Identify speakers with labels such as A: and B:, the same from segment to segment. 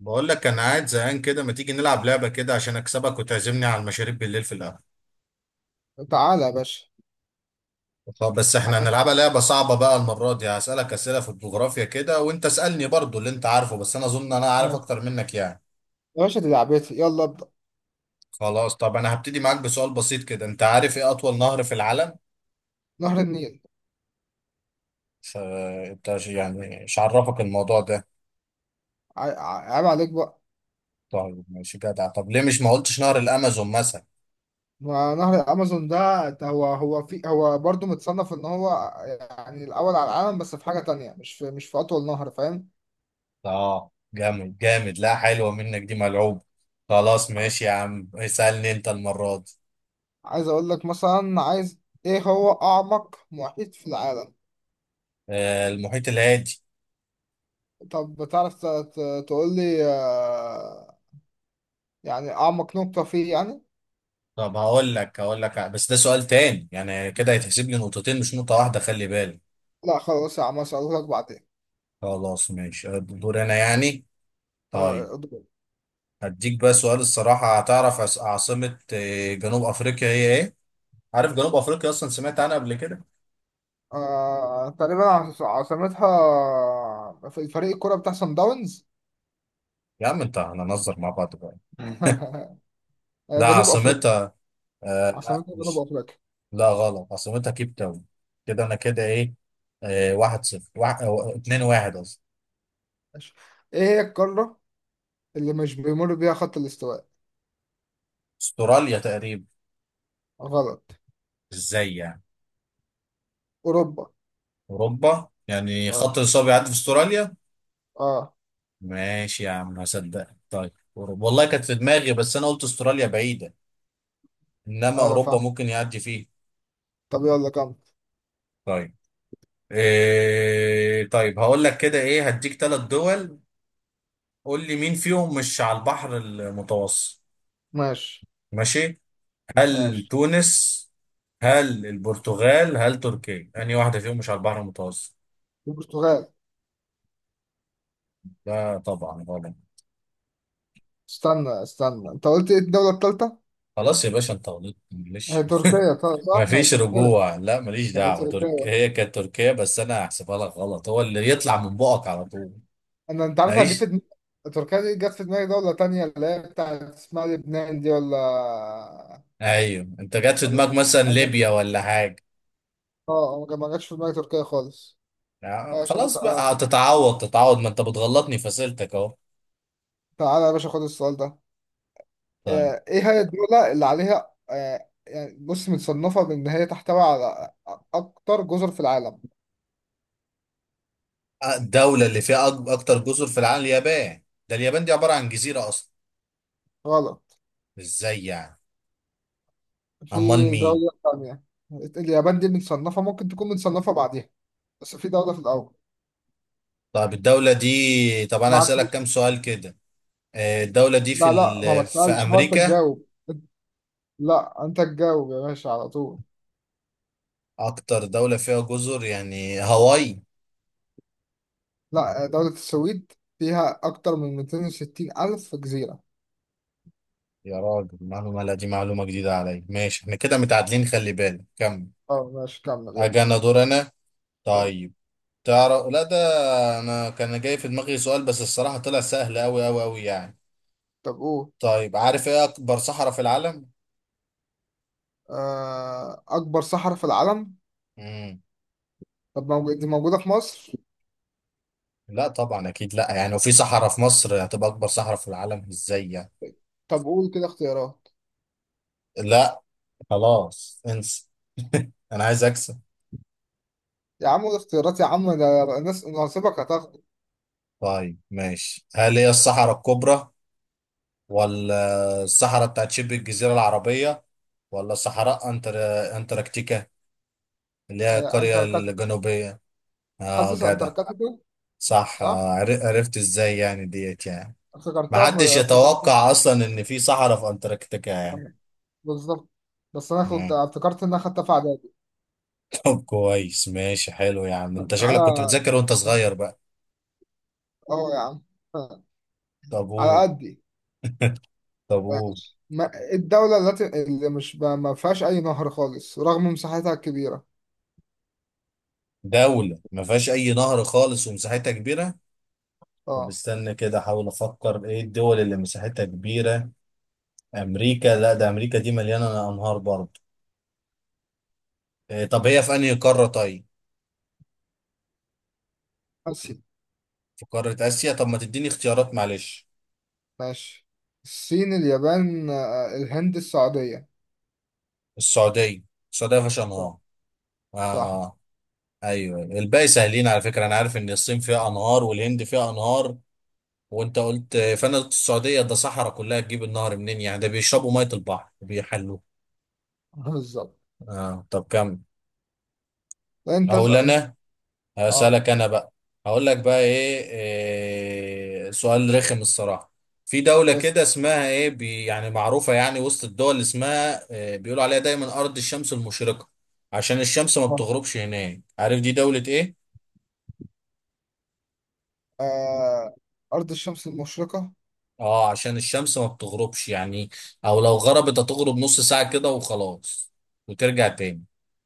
A: بقول لك انا قاعد زهقان كده. ما تيجي نلعب لعبه كده عشان اكسبك وتعزمني على المشاريب بالليل في القهوه؟
B: تعالى يا باشا.
A: طب بس احنا
B: عايز
A: هنلعبها
B: تلعب؟
A: لعبه صعبه بقى. المره دي هسالك اسئله في الجغرافيا كده، وانت اسالني برضو اللي انت عارفه، بس انا اظن انا عارف
B: ماشي.
A: اكتر منك يعني.
B: يا باشا، دي لعبتي، يلا ابدأ.
A: خلاص طب انا هبتدي معاك بسؤال بسيط كده. انت عارف ايه اطول نهر في العالم؟
B: نهر النيل.
A: ف- انت يعني مش عرفك الموضوع ده؟
B: عيب عليك بقى.
A: طيب ماشي جدع. طب ليه مش ما قلتش نهر الامازون مثلا؟
B: ما نهر الأمازون ده هو برضه متصنف إن هو، يعني، الأول على العالم، بس في حاجة تانية، مش في أطول نهر، فاهم؟
A: اه جامد جامد، لا حلوه منك دي، ملعوب. خلاص ماشي يا عم، اسالني انت المره دي.
B: عايز أقول لك مثلا، إيه هو أعمق محيط في العالم؟
A: المحيط الهادي.
B: طب بتعرف تقول لي، يعني أعمق نقطة فيه يعني؟
A: طب هقول لك هقول لك، بس ده سؤال تاني يعني، كده هيتحسب لي نقطتين مش نقطة واحدة، خلي بالك.
B: لا خلاص يا عم، أسألهولك بعدين.
A: خلاص ماشي، دور انا يعني. طيب
B: آه،
A: هديك بقى سؤال الصراحة هتعرف. عاصمة جنوب افريقيا هي ايه؟ عارف جنوب افريقيا اصلا؟ سمعت عنها قبل كده؟
B: آه تقريبا. عاصمتها في فريق الكرة بتاع سان داونز.
A: يا عم انت هنهزر مع بعض بقى.
B: مم.
A: لا،
B: جنوب أفريقيا.
A: عاصمتها، آه لا
B: عاصمتها جنوب
A: مش،
B: أفريقيا.
A: لا غلط، عاصمتها كيب تاون. كده انا كده ايه، آه واحد صفر واحد، اتنين واحد قصدي.
B: ماشي. إيه هي القارة اللي مش بيمر بيها خط الاستواء؟
A: استراليا تقريبا.
B: غلط.
A: ازاي يعني؟
B: أوروبا.
A: اوروبا يعني
B: أه.
A: خط الاصابه بيعدي في استراليا؟
B: أه.
A: ماشي يا عم هصدق. طيب اوروبا والله كانت في دماغي، بس انا قلت استراليا بعيده، انما
B: أيوة
A: اوروبا
B: فاهم.
A: ممكن يعدي فيه.
B: طب يلا كمل.
A: طيب، إيه طيب هقول لك كده ايه، هديك ثلاث دول. قول لي مين فيهم مش على البحر المتوسط.
B: ماشي.
A: ماشي، هل
B: ماشي.
A: تونس، هل البرتغال، هل تركيا؟ انهي واحده فيهم مش على البحر المتوسط؟
B: البرتغال.
A: لا طبعا غلط.
B: استنى استنى، أنت قلت إيه الدولة التالتة؟
A: خلاص يا باشا انت غلطت
B: هي
A: معلش.
B: تركيا طبعا،
A: ما
B: صح؟ هي
A: فيش
B: تركيا.
A: رجوع، لا ماليش
B: هي
A: دعوة.
B: تركيا.
A: هي كانت تركيا، بس انا هحسبها لك غلط، هو اللي يطلع من بقك على طول.
B: انت عارف جه في
A: ماليش.
B: دماغي؟ تركيا دي جت في دماغي دولة تانية، اللي هي بتاعت اسمها لبنان دي، ولا
A: ايوه انت جات في
B: ولا.
A: دماغك مثلا
B: أجل.
A: ليبيا ولا حاجة.
B: اه. ما جاتش في دماغي تركيا خالص. ماشي،
A: خلاص
B: اسال أنا.
A: بقى، تتعوض تتعوض، ما انت بتغلطني في اسئلتك اهو.
B: تعالى يا باشا خد السؤال ده.
A: طيب،
B: ايه هي الدولة اللي عليها، يعني بص، متصنفة بان هي تحتوي على اكتر جزر في العالم؟
A: الدولة اللي فيها اكتر جزر في العالم اليابان. ده اليابان دي عبارة عن جزيرة اصلا.
B: غلط.
A: ازاي يعني؟
B: في
A: امال مين؟
B: دولة تانية. اليابان دي متصنفة، ممكن تكون متصنفة بعديها، بس في دولة في الأول.
A: طيب الدولة دي، طب انا
B: معاك.
A: هسألك كام سؤال كده. الدولة دي في
B: لا لا، ما
A: في
B: تسألش، هو أنت
A: امريكا؟
B: تجاوب. لا، انت تجاوب يا باشا على طول.
A: اكتر دولة فيها جزر يعني هاواي؟
B: لا، دولة السويد، فيها اكتر من 260 الف جزيرة.
A: يا راجل معلومة، لا دي معلومة جديدة عليا. ماشي احنا كده متعادلين، خلي بالك كمل.
B: اه، ماشي، كمل يلا.
A: اجي انا، دور انا.
B: اه.
A: طيب تعرف، لا ده انا كان جاي في دماغي سؤال بس الصراحة طلع سهل اوي اوي اوي يعني.
B: طب قول.
A: طيب عارف ايه اكبر صحراء في العالم؟
B: اكبر صحراء في العالم.
A: مم.
B: طب موجود، دي موجودة في مصر.
A: لا طبعا اكيد لا، يعني لو في صحراء في مصر هتبقى اكبر صحراء في العالم؟ ازاي يعني؟
B: طب قول كده اختيارات.
A: لا، خلاص انسى. انا عايز اكسب.
B: يا عم قول اختيارات يا عم، ده الناس ناصبك هتاخد.
A: طيب ماشي، هل هي الصحراء الكبرى، ولا الصحراء بتاعت شبه الجزيرة العربية، ولا صحراء أنتاركتيكا اللي هي القرية
B: انتاركتيكا.
A: الجنوبية؟ اه
B: حاسس
A: جدع.
B: انتاركتيكا.
A: صح آه.
B: صح.
A: عرفت ازاي يعني ديت يعني؟ محدش
B: افتكرتها.
A: يتوقع اصلا ان في صحراء في انتاركتيكا يعني.
B: في- بالظبط. بس انا كنت
A: مم.
B: افتكرت ان انا خدتها في اعدادي.
A: طب كويس ماشي حلو، يا عم انت شكلك كنت
B: اه.
A: بتذاكر وانت صغير بقى.
B: يا عم،
A: طب
B: على
A: قول.
B: قد
A: طب قول.
B: ما الدولة التي اللي مش ب- ما فيهاش أي نهر خالص رغم مساحتها الكبيرة.
A: دولة ما فيهاش اي نهر خالص ومساحتها كبيرة؟ طب
B: اه.
A: استنى كده احاول افكر ايه الدول اللي مساحتها كبيرة. امريكا، لا ده امريكا دي مليانة انهار برضه. إيه طب هي في انهي قارة طيب؟
B: آسيا.
A: في قارة آسيا؟ طب ما تديني اختيارات معلش.
B: ماشي. الصين، اليابان، الهند، السعودية.
A: السعودية. السعودية فيهاش
B: صح.
A: أنهار؟ آه
B: صح.
A: آه. أيوه، الباقي سهلين على فكرة، أنا عارف إن الصين فيها أنهار والهند فيها أنهار، وأنت قلت فأنا قلت السعودية، ده صحراء كلها، تجيب النهر منين يعني؟ ده بيشربوا مية البحر وبيحلوه.
B: بالظبط.
A: آه طب كمل.
B: أنت
A: أقول
B: اسأل أنت.
A: أنا،
B: اه.
A: هسألك أنا بقى. هقول لك بقى إيه، إيه سؤال رخم الصراحة. في دولة
B: اسأل.
A: كده اسمها إيه بي، يعني معروفة يعني وسط الدول اللي اسمها إيه، بيقولوا عليها دايما أرض الشمس المشرقة، عشان الشمس ما بتغربش هناك. عارف دي دولة إيه؟
B: آه. أرض الشمس المشرقة.
A: آه عشان الشمس ما بتغربش يعني، أو لو غربت هتغرب نص ساعة كده وخلاص، وترجع تاني.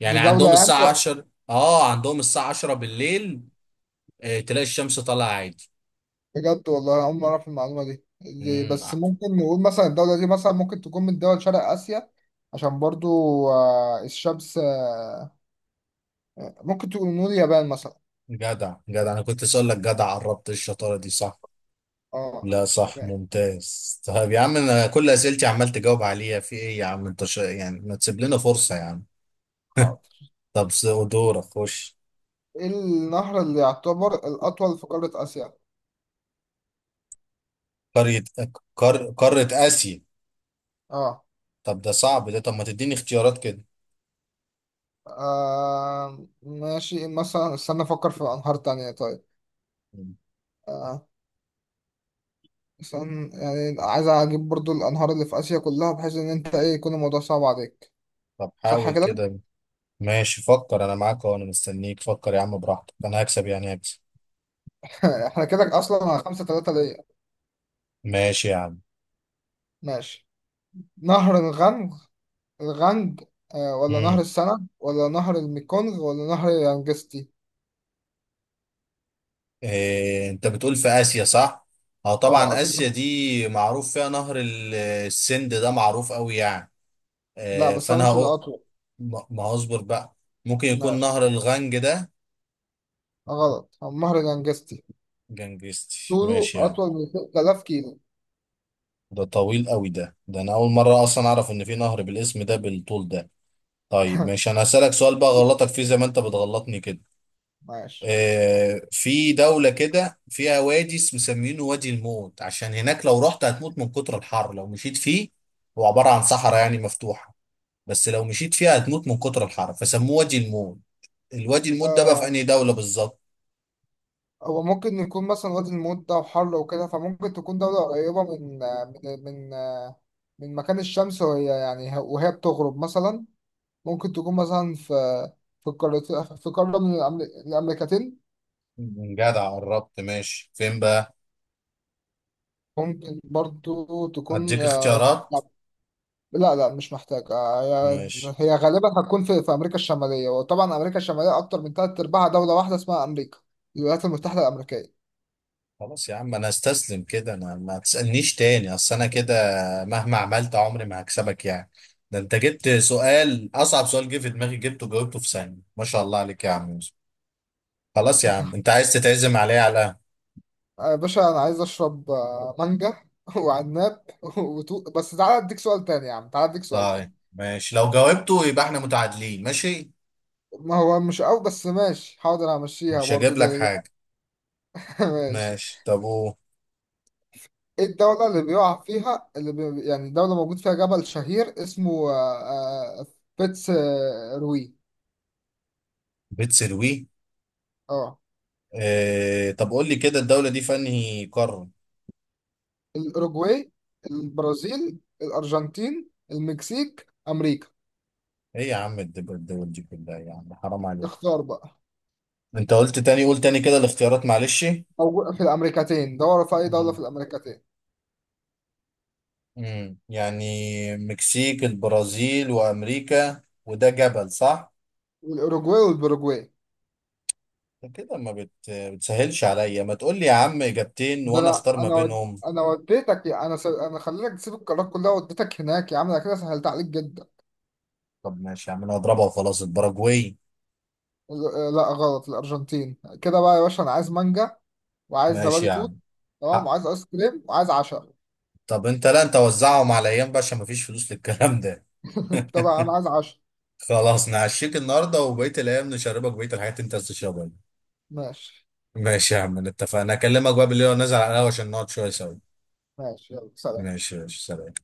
A: يعني
B: دي دولة
A: عندهم
B: يعني.
A: الساعة 10، آه عندهم الساعة 10 بالليل، إيه، تلاقي الشمس طالعة
B: بجد والله أنا أول مرة أعرف المعلومة دي. دي بس
A: عادي.
B: ممكن نقول مثلا الدولة دي مثلا ممكن تكون من دول شرق آسيا، عشان برضو الشمس ممكن تقول نقول اليابان مثلا.
A: جدع جدع، انا كنت لسه اقول لك جدع، قربت الشطاره دي صح.
B: اه
A: لا صح
B: تمام.
A: ممتاز. طيب يا عم انا كل اسئلتي عمال تجاوب عليها في ايه يا عم انت ش... يعني ما تسيب لنا فرصه يا عم.
B: حاضر.
A: طب دورك خش.
B: ايه النهر اللي يعتبر الأطول في قارة آسيا؟
A: قريه قاره اسيا.
B: اه.
A: طب ده صعب ده، طب ما تديني اختيارات كده.
B: ماشي، مثلا استنى أفكر في أنهار تانية طيب.
A: مم.
B: آه. مثلا يعني عايز أجيب برضو الأنهار اللي في آسيا كلها، بحيث إن أنت، إيه، يكون الموضوع صعب عليك.
A: طب
B: صح
A: حاول
B: كده؟
A: كده. ماشي، فكر انا معاك، وانا مستنيك فكر يا عم براحتك، انا هكسب يعني هكسب.
B: احنا كده أصلا على 5-3 ليا.
A: ماشي يا عم.
B: ماشي. نهر الغنج. الغنج ولا نهر
A: مم.
B: السنة ولا نهر الميكونغ ولا نهر يانجستي؟
A: إيه، انت بتقول في اسيا صح؟ اه
B: اه،
A: طبعا اسيا
B: أطول.
A: دي معروف فيها نهر السند، ده معروف قوي يعني.
B: لا
A: إيه،
B: بس هو
A: فانا
B: مش
A: هقول.
B: الأطول.
A: ما هصبر بقى، ممكن يكون
B: ماشي.
A: نهر الغنج ده.
B: غلط. هو مهرجان جاستي.
A: جنجستي
B: طوله
A: ماشي يعني.
B: أطول من 3000 كيلو.
A: ده طويل قوي ده، ده انا اول مرة اصلا اعرف ان في نهر بالاسم ده بالطول ده. طيب ماشي انا هسألك سؤال بقى غلطك فيه زي ما انت بتغلطني كده.
B: ماشي.
A: في دولة كده فيها وادي مسمينه وادي الموت، عشان هناك لو رحت هتموت من كتر الحر لو مشيت فيه. هو عبارة عن صحراء يعني مفتوحة، بس لو مشيت فيها هتموت من كتر الحر، فسموه وادي الموت. الوادي الموت ده بقى في
B: آه
A: أنهي دولة بالظبط؟
B: هو ممكن يكون مثلا وادي الموت ده وحر وكده، فممكن تكون دولة قريبة من، من مكان الشمس وهي، يعني وهي بتغرب مثلا، ممكن تكون مثلا في، في قارة في قارة من الأمريكتين.
A: جدع قربت ماشي، فين بقى؟
B: ممكن برضو تكون
A: أديك
B: آه، في
A: اختيارات.
B: لا لا مش محتاج.
A: ماشي.
B: هي غالبا هتكون في امريكا الشماليه، وطبعا امريكا الشماليه اكتر من ثلاث ارباعها دوله واحده اسمها امريكا، الولايات المتحده الامريكيه.
A: خلاص يا عم انا استسلم كده، انا ما تسألنيش تاني اصل انا كده مهما عملت عمري ما هكسبك يعني. ده انت جبت سؤال، اصعب سؤال جه في دماغي جبته وجاوبته في ثانية، ما شاء الله عليك يا عم يوسف. خلاص يا عم انت عايز تتعزم عليا على القهوة.
B: يا باشا، انا عايز اشرب مانجا وعناب. بس تعالى اديك سؤال تاني، يا عم تعالى اديك سؤال
A: طيب
B: تاني.
A: ماشي، لو جاوبته يبقى احنا متعادلين ماشي.
B: ما هو مش قوي بس ماشي حاضر همشيها
A: مش هجيب
B: برضه
A: لك حاجة.
B: ماشي.
A: ماشي طب و،
B: ايه الدولة اللي بيقع فيها، يعني دولة موجود فيها جبل شهير اسمه فيتس روي.
A: بتسروي.
B: اه.
A: اه طب قول لي كده، الدولة دي في انهي قارة؟
B: الأوروجواي، البرازيل، الأرجنتين، المكسيك، أمريكا.
A: ايه يا عم، الدول دي كلها، يا عم حرام عليك.
B: اختار بقى.
A: انت قلت تاني، قول تاني كده الاختيارات معلش.
B: أو في الأمريكتين، دور في أي دولة في الأمريكتين.
A: يعني، مكسيك البرازيل وامريكا، وده جبل صح؟
B: والأوروجواي والبروجواي.
A: ده كده ما بتسهلش عليا، ما تقول لي يا عم اجابتين
B: ده
A: وانا
B: أنا
A: اختار ما بينهم.
B: أنا وديتك، أنا خليتك تسيب القارات كلها وديتك هناك يا عم، أنا كده سهلت عليك جدا.
A: طب ماشي يا عم انا هضربها وخلاص، الباراجواي.
B: لا غلط، الأرجنتين. كده بقى يا باشا، أنا عايز مانجا وعايز
A: ماشي
B: زبادي
A: يا عم.
B: توت. تمام.
A: حق.
B: وعايز آيس كريم وعايز عشاء.
A: طب انت، لا انت وزعهم على ايام بقى عشان ما فيش فلوس للكلام ده.
B: طبعا أنا عايز عشاء.
A: خلاص نعشيك النهارده، وبقيه الايام نشربك بقيه الحاجات اللي انت عايز تشربها.
B: ماشي.
A: ماشي يا عم اتفقنا، اكلمك بقى بالليل ونزل على القهوه عشان نقعد شويه سوا.
B: ماشي يلا سلام.
A: ماشي سلام.